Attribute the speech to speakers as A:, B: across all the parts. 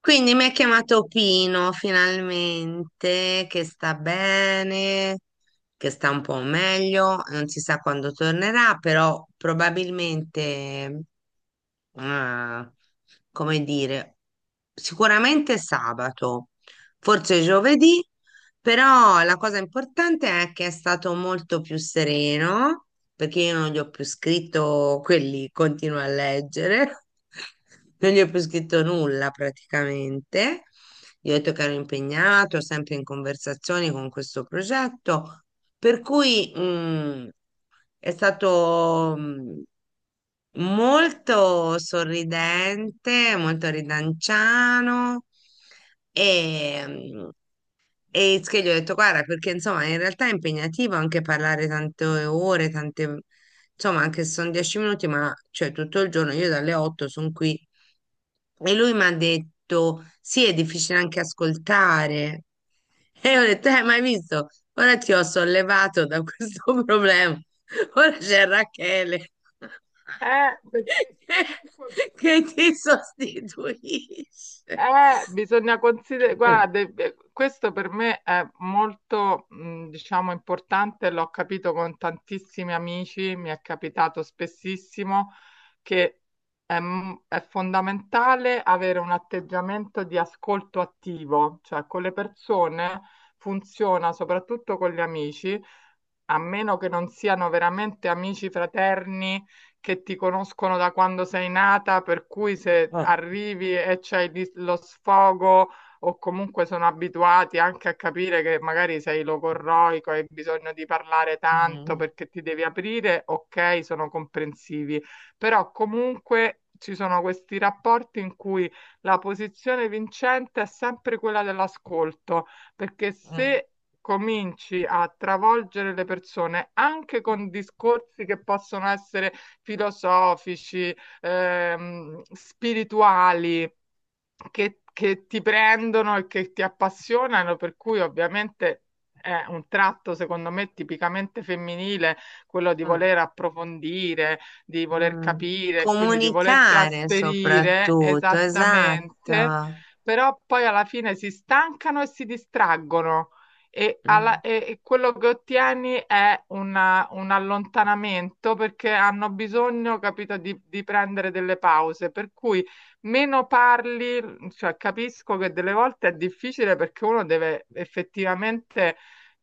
A: Quindi mi ha chiamato Pino finalmente, che sta bene, che sta un po' meglio, non si sa quando tornerà, però probabilmente, eh, come dire, sicuramente sabato, forse giovedì, però la cosa importante è che è stato molto più sereno perché io non gli ho più scritto quelli, continuo a leggere, non gli ho più scritto nulla praticamente. Gli ho detto che ero impegnato, sempre in conversazioni con questo progetto, per cui è stato molto sorridente, molto ridanciano e, mm, e che gli ho detto, guarda, perché insomma in realtà è impegnativo anche parlare tante ore, tante, insomma anche se sono 10 minuti, ma cioè tutto il giorno, io dalle 8 sono qui. E lui mi ha detto, sì, è difficile anche ascoltare. E io ho detto, ma hai visto? Ora ti ho sollevato da questo problema. Ora c'è Rachele
B: Perché comunque
A: che ti sostituisce.
B: bisogna considerare,
A: Mm.
B: guarda, questo per me è molto, diciamo, importante. L'ho capito con tantissimi amici, mi è capitato spessissimo che è fondamentale avere un atteggiamento di ascolto attivo, cioè con le persone funziona, soprattutto con gli amici, a meno che non siano veramente amici fraterni che ti conoscono da quando sei nata, per cui se
A: Ah.
B: arrivi e lo sfogo o comunque sono abituati anche a capire che magari sei logorroico e hai bisogno di parlare tanto
A: Mm,
B: perché ti devi aprire, ok, sono comprensivi, però comunque ci sono questi rapporti in cui la posizione vincente è sempre quella dell'ascolto, perché
A: mm,
B: se cominci a travolgere le persone anche con discorsi che possono essere filosofici, spirituali, che ti prendono e che ti appassionano, per cui ovviamente è un tratto, secondo me, tipicamente femminile, quello di
A: mm,
B: voler approfondire, di voler
A: mm.
B: capire, quindi di voler
A: Comunicare
B: trasferire
A: soprattutto,
B: esattamente,
A: esatto.
B: però poi alla fine si stancano e si distraggono. E,
A: Mm,
B: alla- e- e quello che ottieni è un allontanamento perché hanno bisogno, capito, di prendere delle pause. Per cui meno parli, cioè capisco che delle volte è difficile perché uno deve effettivamente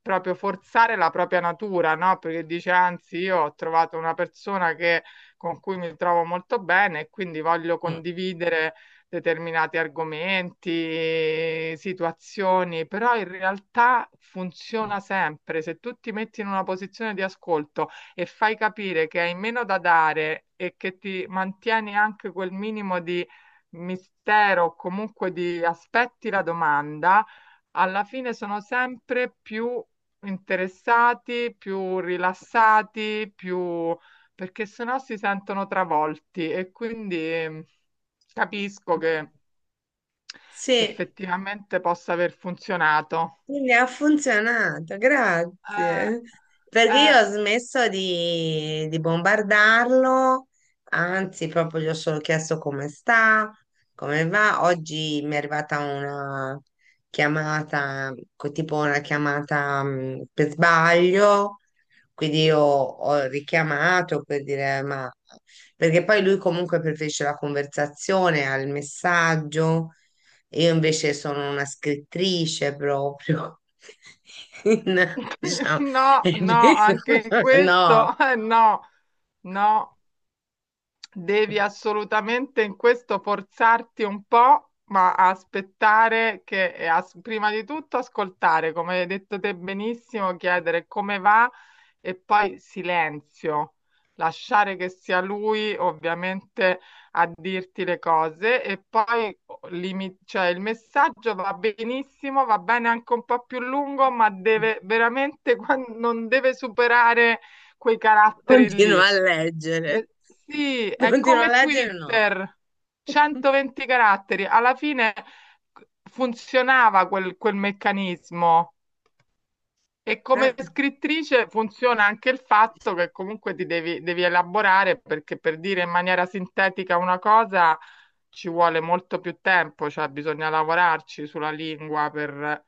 B: proprio forzare la propria natura, no? Perché dice, anzi, io ho trovato con cui mi trovo molto bene e quindi voglio
A: mm,
B: condividere determinati argomenti, situazioni, però in realtà
A: mm.
B: funziona sempre. Se tu ti metti in una posizione di ascolto e fai capire che hai meno da dare e che ti mantieni anche quel minimo di mistero o comunque di aspetti la domanda, alla fine sono sempre più interessati, più rilassati, più... perché sennò si sentono travolti e quindi capisco che
A: Sì,
B: effettivamente possa aver funzionato.
A: quindi ha funzionato,
B: Eh,
A: grazie. Perché io
B: eh,
A: ho smesso di bombardarlo, anzi, proprio gli ho solo chiesto come sta, come va. Oggi mi è arrivata una chiamata, tipo una chiamata per sbaglio, quindi io ho richiamato per dire, ma perché poi lui comunque preferisce la conversazione al messaggio. Io invece sono una scrittrice proprio. Diciamo,
B: No, no, anche in
A: no,
B: questo, no, no. Devi assolutamente in questo forzarti un po', ma aspettare prima di tutto ascoltare, come hai detto te benissimo, chiedere come va e poi silenzio, lasciare che sia lui ovviamente a dirti le cose e poi oh, cioè, il messaggio va benissimo, va bene anche un po' più lungo, ma deve veramente, non deve superare quei caratteri
A: continuo
B: lì.
A: a leggere.
B: Eh, sì, è
A: Continuo a
B: come
A: leggere, no.
B: Twitter, 120 caratteri. Alla fine funzionava quel meccanismo e
A: Eh,
B: come scrittrice funziona anche il fatto che comunque devi elaborare perché per dire in maniera sintetica una cosa ci vuole molto più tempo, cioè bisogna lavorarci sulla lingua per,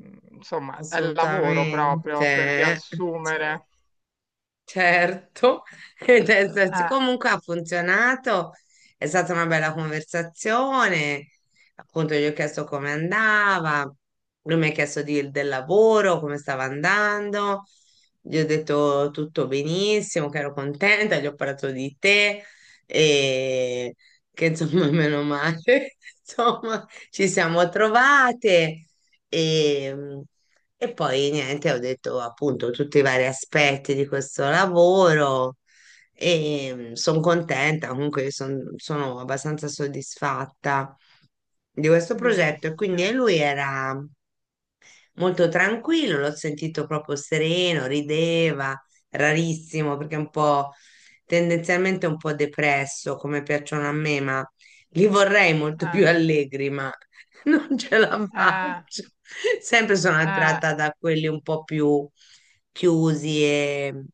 B: insomma, è il lavoro
A: assolutamente.
B: proprio per
A: Cioè,
B: riassumere.
A: certo,
B: Eh,
A: comunque ha funzionato, è stata una bella conversazione, appunto gli ho chiesto come andava, lui mi ha chiesto del lavoro, come stava andando, gli ho detto tutto benissimo, che ero contenta, gli ho parlato di te e che insomma meno male, insomma ci siamo trovate e... E poi niente, ho detto appunto tutti i vari aspetti di questo lavoro e sono contenta, comunque sono abbastanza soddisfatta di questo progetto. E quindi
B: benissimo.
A: lui era molto tranquillo, l'ho sentito proprio sereno, rideva, rarissimo perché è un po' tendenzialmente un po' depresso come piacciono a me, ma li vorrei molto
B: Eh,
A: più allegri, ma non ce la
B: eh,
A: faccio. Sempre sono
B: eh. eh.
A: attratta da quelli un po' più chiusi e,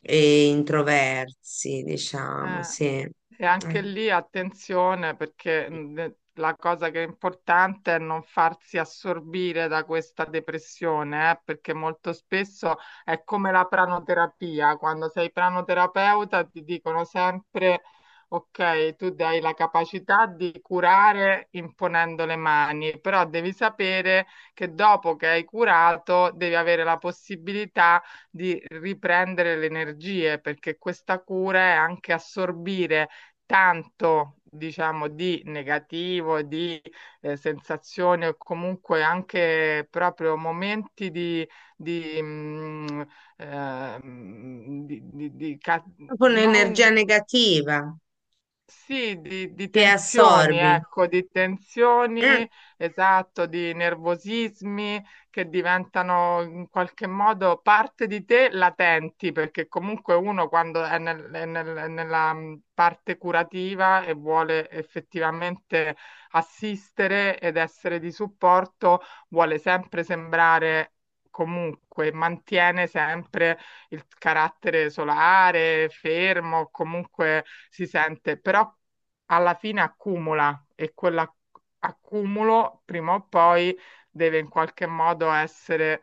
A: e introversi, diciamo,
B: Eh,
A: sì.
B: e anche lì attenzione perché la cosa che è importante è non farsi assorbire da questa depressione, perché molto spesso è come la pranoterapia. Quando sei pranoterapeuta ti dicono sempre, ok, tu hai la capacità di curare imponendo le mani, però devi sapere che dopo che hai curato devi avere la possibilità di riprendere le energie, perché questa cura è anche assorbire tanto, diciamo, di negativo, di sensazioni o comunque anche proprio momenti di, mm, eh, di ca-
A: Proprio un'energia
B: non,
A: negativa
B: sì, di
A: che
B: tensioni,
A: assorbi.
B: ecco, di
A: Mm.
B: tensioni, esatto, di nervosismi che diventano in qualche modo parte di te latenti, perché comunque uno quando è nella parte curativa e vuole effettivamente assistere ed essere di supporto, vuole sempre sembrare comunque, mantiene sempre il carattere solare, fermo, comunque si sente, però alla fine accumula e quell'accumulo prima o poi deve in qualche modo essere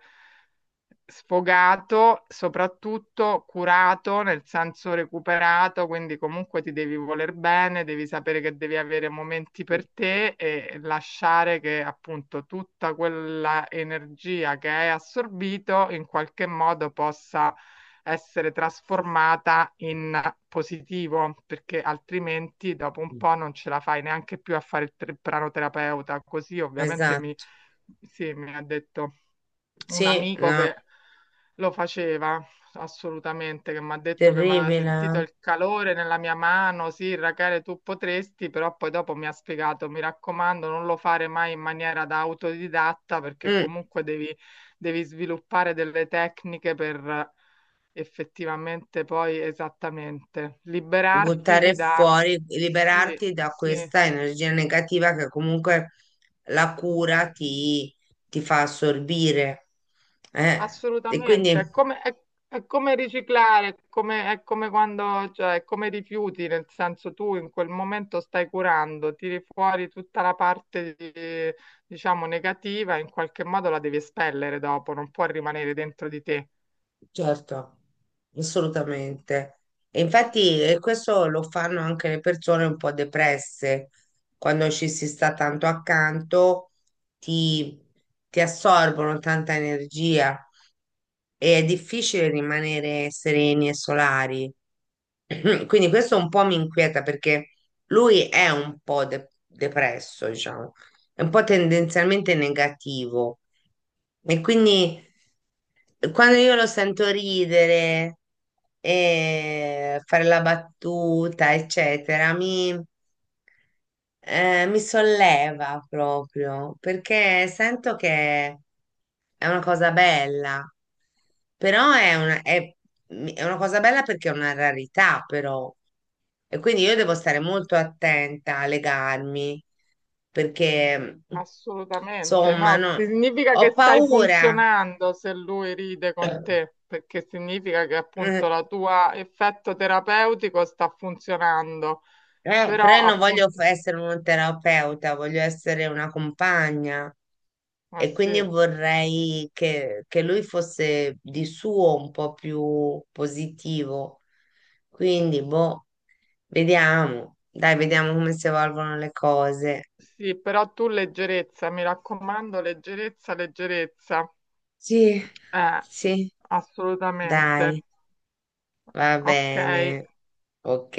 B: sfogato, soprattutto curato, nel senso recuperato, quindi comunque ti devi voler bene, devi sapere che devi avere momenti per te e lasciare che appunto tutta quella energia che hai assorbito in qualche modo possa essere trasformata in positivo, perché altrimenti dopo un po' non ce la fai neanche più a fare il pranoterapeuta. Così ovviamente mi
A: Esatto.
B: sì, mi ha detto un
A: Sì,
B: amico
A: no,
B: che lo faceva assolutamente, che mi ha detto che mi aveva sentito
A: terribile.
B: il calore nella mia mano, sì, Rachele, tu potresti, però poi dopo mi ha spiegato, mi raccomando, non lo fare mai in maniera da autodidatta perché
A: Mm,
B: comunque devi, devi sviluppare delle tecniche per effettivamente poi esattamente
A: buttare
B: liberarti da...
A: fuori,
B: Sì,
A: liberarti da
B: sì,
A: questa energia negativa che comunque la cura ti fa assorbire. E quindi
B: assolutamente, è come riciclare, è come quando, cioè, è come rifiuti, nel senso tu in quel momento stai curando, tiri fuori tutta la parte, diciamo, negativa, in qualche modo la devi espellere dopo, non può rimanere dentro di te.
A: certo, assolutamente. E infatti questo lo fanno anche le persone un po' depresse, quando ci si sta tanto accanto, ti, ti assorbono tanta energia e è difficile rimanere sereni e solari. Quindi questo un po' mi inquieta perché lui è un po' depresso, diciamo, è un po' tendenzialmente negativo. E quindi quando io lo sento ridere e fare la battuta, eccetera, mi solleva proprio perché sento che è una cosa bella, però è una cosa bella perché è una rarità, però. E quindi io devo stare molto attenta a legarmi perché,
B: Assolutamente,
A: insomma,
B: no,
A: no,
B: significa
A: ho
B: che stai
A: paura.
B: funzionando se lui ride con te, perché significa che
A: Eh,
B: appunto la tua effetto terapeutico sta funzionando,
A: Però
B: però
A: io non voglio
B: appunto,
A: essere un terapeuta, voglio essere una compagna
B: eh
A: e quindi
B: sì.
A: vorrei che lui fosse di suo un po' più positivo. Quindi, boh, vediamo. Dai, vediamo come si evolvono le cose.
B: Sì, però tu leggerezza, mi raccomando, leggerezza, leggerezza.
A: Sì,
B: Eh,
A: sì,
B: assolutamente.
A: dai, va
B: Ok.
A: bene. Ok.